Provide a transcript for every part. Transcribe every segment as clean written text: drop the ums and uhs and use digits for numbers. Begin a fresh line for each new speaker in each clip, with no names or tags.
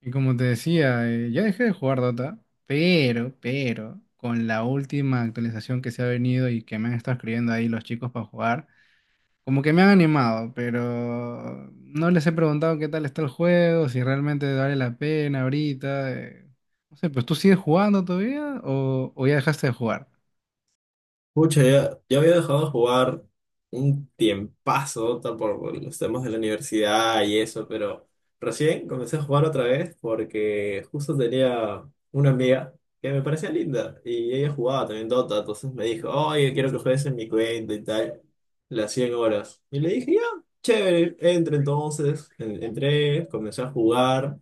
Y como te decía, ya dejé de jugar Dota, pero con la última actualización que se ha venido y que me han estado escribiendo ahí los chicos para jugar, como que me han animado, pero no les he preguntado qué tal está el juego, si realmente vale la pena ahorita. No sé, pues tú sigues jugando todavía o ya dejaste de jugar.
Pucha, ya, ya había dejado de jugar un tiempazo por los temas de la universidad y eso, pero recién comencé a jugar otra vez porque justo tenía una amiga que me parecía linda y ella jugaba también Dota. Entonces me dijo, oye, quiero que juegues en mi cuenta y tal, las 100 horas. Y le dije, ya, chévere, entré, comencé a jugar,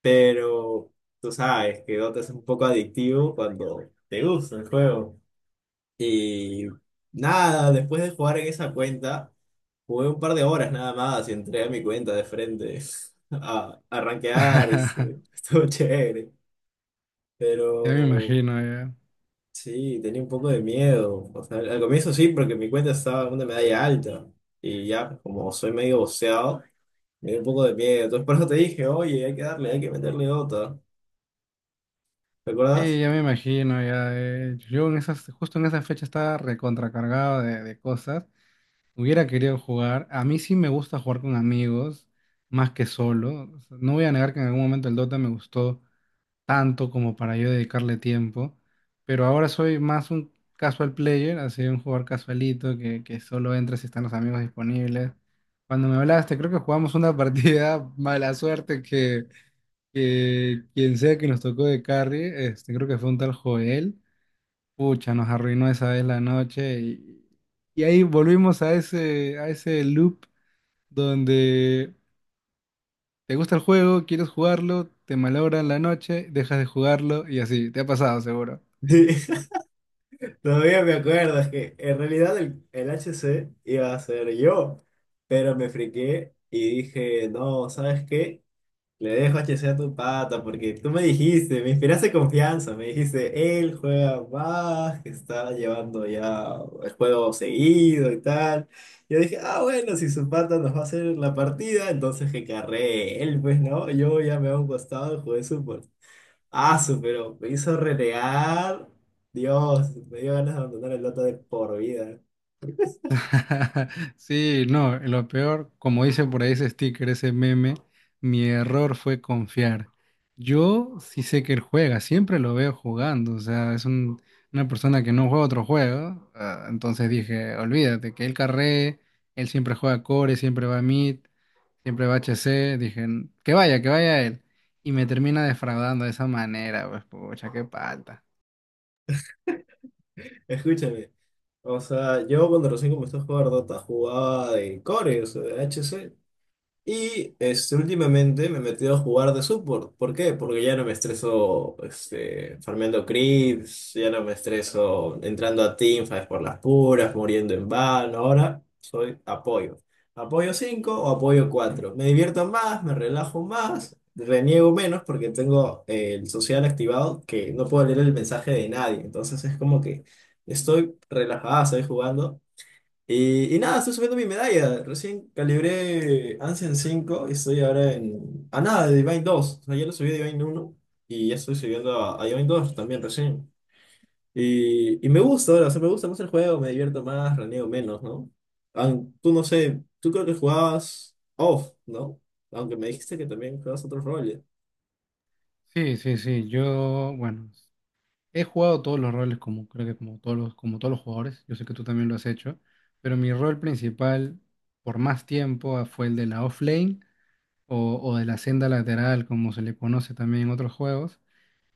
pero tú sabes que Dota es un poco adictivo cuando te gusta el juego. Y nada, después de jugar en esa cuenta, jugué un par de horas nada más y entré a mi cuenta de frente a rankear. Estuvo chévere.
Ya me
Pero
imagino, ya.
sí, tenía un poco de miedo. O sea, al comienzo sí, porque mi cuenta estaba en una medalla alta. Y ya, como soy medio boceado, me dio un poco de miedo. Entonces por eso te dije, oye, hay que darle, hay que meterle otra.
Sí,
¿Recuerdas?
ya me imagino, ya. Yo en esas, justo en esa fecha estaba recontracargado de cosas. Hubiera querido jugar. A mí sí me gusta jugar con amigos, más que solo. O sea, no voy a negar que en algún momento el Dota me gustó tanto como para yo dedicarle tiempo, pero ahora soy más un casual player, así un jugador casualito que solo entra si están los amigos disponibles. Cuando me hablaste, creo que jugamos una partida mala suerte que quien sea que nos tocó de carry, este, creo que fue un tal Joel. Pucha, nos arruinó esa vez la noche y ahí volvimos a a ese loop donde te gusta el juego, quieres jugarlo, te malogran la noche, dejas de jugarlo y así, te ha pasado seguro.
Todavía me acuerdo, es que en realidad el H C iba a ser yo, pero me friqué y dije, no, ¿sabes qué? Le dejo H C a tu pata porque tú me dijiste, me inspiraste confianza, me dijiste, él juega más, que está llevando ya el juego seguido y tal. Yo dije, ah, bueno, si su pata nos va a hacer la partida, entonces que carree él, pues no, yo ya me hago un costado, jugué su Ah, su, pero me hizo renegar. Dios, me dio ganas de abandonar el Dota de por vida.
Sí, no, lo peor, como dice por ahí ese sticker, ese meme, mi error fue confiar. Yo sí sé que él juega, siempre lo veo jugando, o sea, una persona que no juega otro juego, ah, entonces dije, olvídate, que él carree, él siempre juega core, siempre va a mid, siempre va a HC, dije, que vaya él. Y me termina defraudando de esa manera, pues pucha, qué palta.
Escúchame. O sea, yo cuando recién comencé a jugar Dota jugaba de Core, o sea, de HC. Y últimamente me he metido a jugar de support. ¿Por qué? Porque ya no me estreso farmeando creeps, ya no me estreso entrando a teamfights por las puras, muriendo en vano. Ahora soy apoyo. Apoyo 5 o apoyo cuatro. Me divierto más, me relajo más, reniego menos porque tengo el social activado que no puedo leer el mensaje de nadie. Entonces es como que estoy relajada, estoy jugando. Y nada, estoy subiendo mi medalla. Recién calibré Ancient 5 y estoy ahora en, a nada de Divine dos. O sea, ya lo subí a Divine uno y ya estoy subiendo a Divine 2 también recién. Y me gusta ahora, o sea, me gusta más el juego, me divierto más, raneo menos, ¿no? Tú no sé, tú creo que jugabas off, ¿no? Aunque me dijiste que también jugabas otros roles.
Sí, sí, sí, yo, bueno. He jugado todos los roles, como creo que como todos los jugadores. Yo sé que tú también lo has hecho, pero mi rol principal por más tiempo fue el de la offlane o de la senda lateral, como se le conoce también en otros juegos.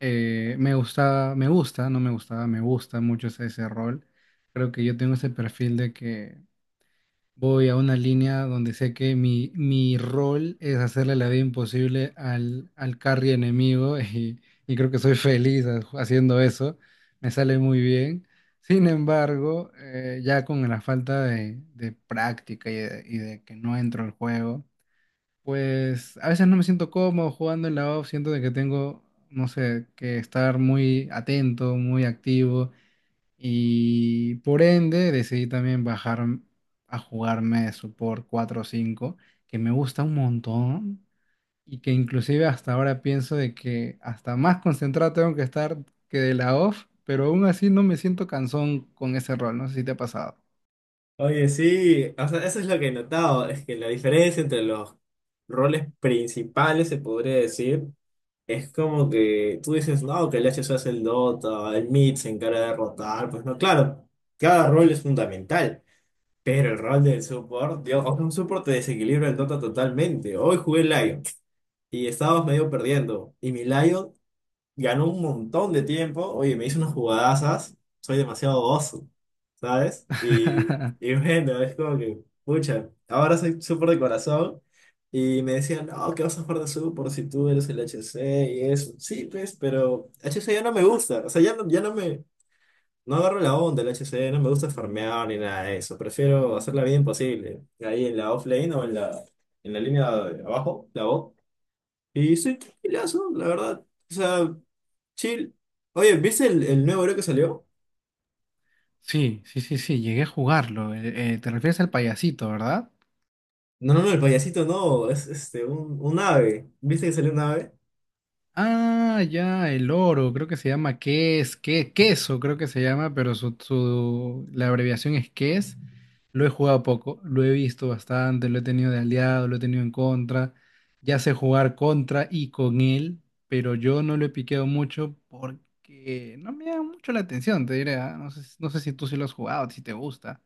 Me gusta, no me gustaba, me gusta mucho ese rol. Creo que yo tengo ese perfil de que voy a una línea donde sé que mi rol es hacerle la vida imposible al carry enemigo y creo que soy feliz haciendo eso. Me sale muy bien. Sin embargo, ya con la falta de práctica y de que no entro al juego, pues a veces no me siento cómodo jugando en la off. Siento de que tengo, no sé, que estar muy atento, muy activo y por ende decidí también bajar a jugarme Support 4 o 5 que me gusta un montón y que inclusive hasta ahora pienso de que hasta más concentrado tengo que estar que de la off, pero aún así no me siento cansón con ese rol, no sé si te ha pasado.
Oye, sí, o sea, eso es lo que he notado, es que la diferencia entre los roles principales, se podría decir, es como que tú dices, no, que el HSO hace el Dota, el mid se encarga de rotar, pues no, claro, cada rol es fundamental, pero el rol del support, Dios, o sea, un support te desequilibra el Dota totalmente. Hoy jugué Lion y estábamos medio perdiendo, y mi Lion ganó un montón de tiempo. Oye, me hizo unas jugadazas. Soy demasiado oso, ¿sabes? Y, y bueno, es como que, pucha, ahora soy súper de corazón. Y me decían, no, que vas a jugar de súper si tú eres el HC y eso. Sí, pues, pero HC ya no me gusta. O sea, ya no, ya no me. No agarro la onda del HC, no me gusta farmear ni nada de eso. Prefiero hacer la vida imposible. Ahí en la offlane o en la línea de abajo, la bot. Y estoy tranquilazo, la verdad. O sea. Chill. Oye, ¿viste el nuevo héroe que salió?
Sí, sí, sí, sí, llegué a jugarlo. Te refieres al payasito, ¿verdad?
No, no, no, el payasito no, es un ave. ¿Viste que salió un ave?
Ah, ya, el oro, creo que se llama ques, que, queso, creo que se llama, pero la abreviación es ques. Lo he jugado poco, lo he visto bastante, lo he tenido de aliado, lo he tenido en contra. Ya sé jugar contra y con él, pero yo no lo he piqueado mucho porque no me da mucho la atención, te diré. No sé, no sé si tú sí lo has jugado, si te gusta.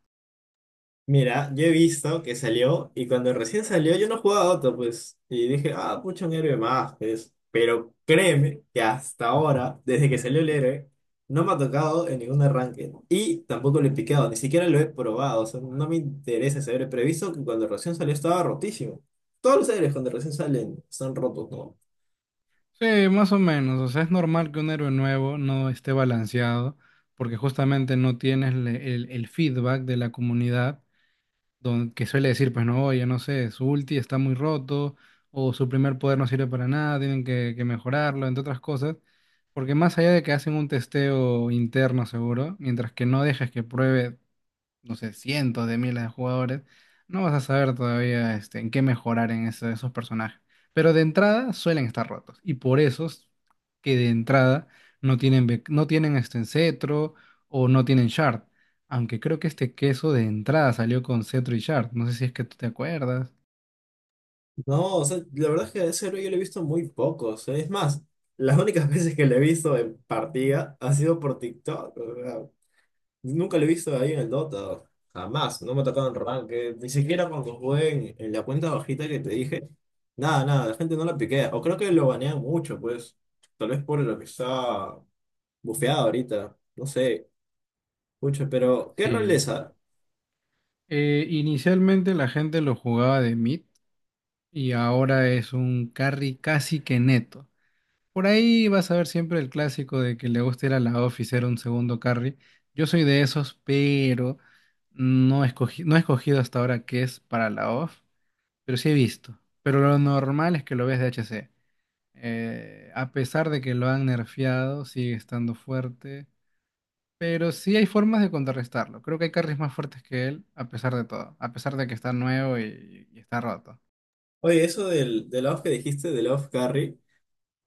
Mira, yo he visto que salió y cuando recién salió yo no jugaba a Otto, pues. Y dije, ah, pucha, un héroe más, pues. Pero créeme que hasta ahora, desde que salió el héroe, no me ha tocado en ningún arranque. ¿No? Y tampoco lo he picado, ni siquiera lo he probado. O sea, no me interesa ese héroe, pero he visto que cuando recién salió estaba rotísimo. Todos los héroes cuando recién salen están rotos, ¿no?
Sí, más o menos. O sea, es normal que un héroe nuevo no esté balanceado porque justamente no tienes el feedback de la comunidad que suele decir, pues no, oye, no sé, su ulti está muy roto o su primer poder no sirve para nada, tienen que mejorarlo, entre otras cosas. Porque más allá de que hacen un testeo interno seguro, mientras que no dejes que pruebe no sé, cientos de miles de jugadores, no vas a saber todavía este, en qué mejorar en esos personajes. Pero de entrada suelen estar rotos. Y por eso es que de entrada no tienen, no tienen este cetro o no tienen shard. Aunque creo que este queso de entrada salió con cetro y shard. No sé si es que tú te acuerdas.
No, o sea, la verdad es que a ese héroe yo le he visto muy poco. O sea, es más, las únicas veces que le he visto en partida ha sido por TikTok. O sea, nunca lo he visto ahí en el Dota. Jamás. No me ha tocado en Ranked. Ni siquiera cuando jugué en la cuenta bajita que te dije. Nada, nada, la gente no la piquea. O creo que lo banean mucho, pues. Tal vez por lo que está bufeado ahorita. No sé. Mucho, pero ¿qué rol
Sí.
es esa?
Inicialmente la gente lo jugaba de mid y ahora es un carry casi que neto. Por ahí vas a ver siempre el clásico de que le gusta ir a la off y ser un segundo carry. Yo soy de esos, pero no escogí, no he escogido hasta ahora qué es para la off, pero sí he visto. Pero lo normal es que lo veas de HC. A pesar de que lo han nerfeado, sigue estando fuerte. Pero sí hay formas de contrarrestarlo. Creo que hay carries más fuertes que él, a pesar de todo. A pesar de que está nuevo y está roto.
Oye, eso del off que dijiste, del off carry.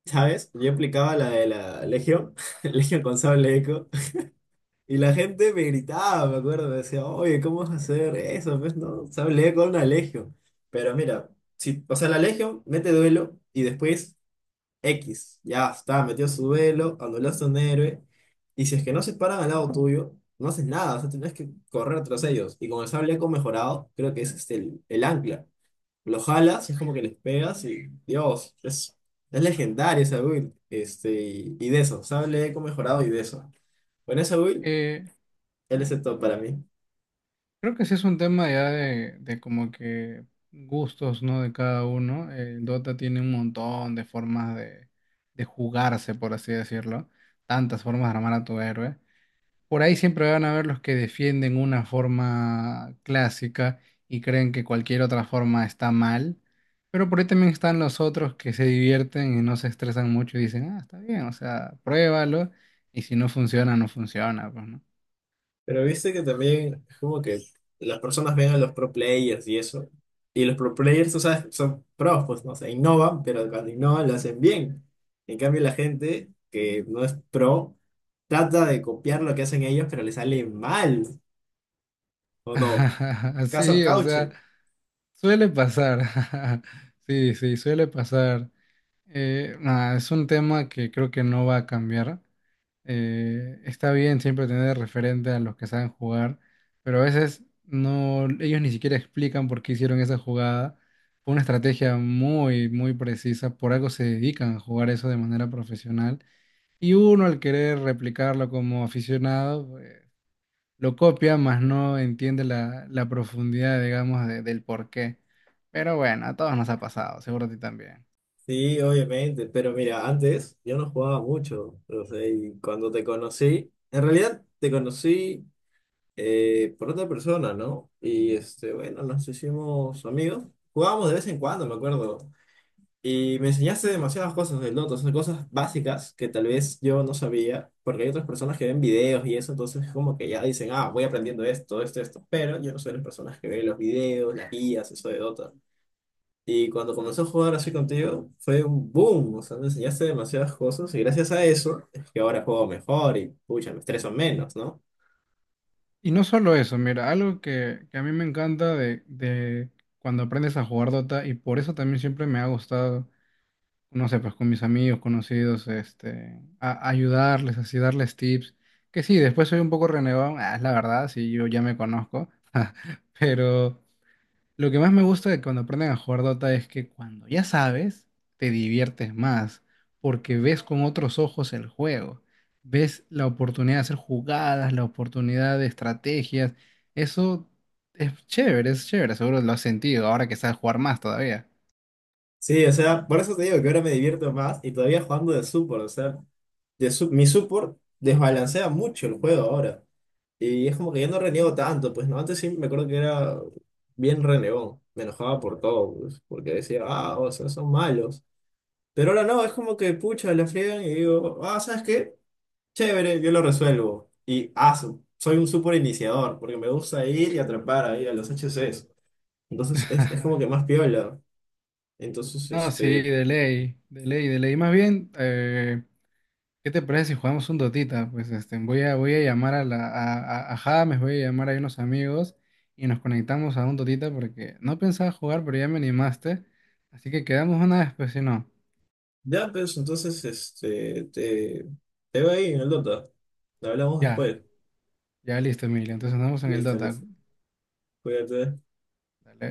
¿Sabes? Yo aplicaba la de la Legión, Legión con sable eco, y la gente me gritaba, me acuerdo, me decía, oye, ¿cómo vas a hacer eso? Pues no, sable eco, una Legión. Pero mira, si, o sea, la Legión mete duelo y después X, ya está, metió su duelo, anulaste a un héroe, y si es que no se paran al lado tuyo, no haces nada, o sea, tienes que correr tras ellos. Y con el sable eco mejorado, creo que es el ancla lo jalas, es como que les pegas y, Dios, es legendario esa build. Y de eso, ¿sabes? Eco mejorado y de eso. Con esa build,
Eh,
él es el top para mí.
Creo que sí es un tema ya de como que gustos, ¿no? De cada uno. El Dota tiene un montón de formas de jugarse, por así decirlo. Tantas formas de armar a tu héroe. Por ahí siempre van a haber los que defienden una forma clásica y creen que cualquier otra forma está mal. Pero por ahí también están los otros que se divierten y no se estresan mucho y dicen, ah, está bien, o sea, pruébalo. Y si no funciona, no funciona, pues, ¿no?
Pero viste que también es como que las personas ven a los pro players y eso. Y los pro players, tú sabes, son pros, pues no sé, innovan, pero cuando innovan lo hacen bien. En cambio, la gente que no es pro trata de copiar lo que hacen ellos, pero le sale mal, ¿o no? Caso
Sí, o sea.
Cauche.
Suele pasar, sí, sí, suele pasar. Nada, es un tema que creo que no va a cambiar. Está bien siempre tener referente a los que saben jugar, pero a veces no, ellos ni siquiera explican por qué hicieron esa jugada. Fue una estrategia muy precisa, por algo se dedican a jugar eso de manera profesional. Y uno al querer replicarlo como aficionado, lo copia, más no entiende la profundidad, digamos, del porqué. Pero bueno, a todos nos ha pasado, seguro a ti también.
Sí, obviamente, pero mira, antes yo no jugaba mucho, o sea, y cuando te conocí, en realidad te conocí por otra persona, ¿no? Y bueno, nos hicimos amigos, jugábamos de vez en cuando, me acuerdo, y me enseñaste demasiadas cosas del Dota, o sea, cosas básicas que tal vez yo no sabía, porque hay otras personas que ven videos y eso, entonces como que ya dicen, ah, voy aprendiendo esto, esto, esto, pero yo no soy de las personas que ven los videos, las guías, eso de Dota. Y cuando comenzó a jugar así contigo, fue un boom. O sea, me enseñaste demasiadas cosas y gracias a eso es que ahora juego mejor y, pucha, me estreso menos, ¿no?
Y no solo eso, mira, algo que a mí me encanta de cuando aprendes a jugar Dota, y por eso también siempre me ha gustado, no sé, pues con mis amigos, conocidos, este, ayudarles, así darles tips. Que sí, después soy un poco renegón, ah, es la verdad, sí, yo ya me conozco, pero... Lo que más me gusta de cuando aprenden a jugar Dota es que cuando ya sabes, te diviertes más, porque ves con otros ojos el juego, ves la oportunidad de hacer jugadas, la oportunidad de estrategias. Eso es chévere, seguro lo has sentido ahora que sabes jugar más todavía.
Sí, o sea, por eso te digo que ahora me divierto más y todavía jugando de support, o sea, mi support desbalancea mucho el juego ahora. Y es como que ya no reniego tanto, pues no, antes sí me acuerdo que era bien renegón, me enojaba por todo, pues, porque decía, ah, o sea, son malos. Pero ahora no, es como que pucha, la friegan y digo, ah, ¿sabes qué? Chévere, yo lo resuelvo. Y soy un super iniciador, porque me gusta ir y atrapar ahí a los HCs. Entonces es como que más piola. Entonces,
No, sí, de ley, de ley, de ley. Más bien, ¿qué te parece si jugamos un Dotita? Pues este, voy a llamar a la, a James, voy a llamar a unos amigos y nos conectamos a un Dotita porque no pensaba jugar, pero ya me animaste. Así que quedamos una vez, pues si no.
ya, pues entonces te va ahí en el Dota. Hablamos
Ya,
después.
ya listo, Emilio. Entonces andamos en el
Listo,
Dota.
listo. Cuídate.
Dale.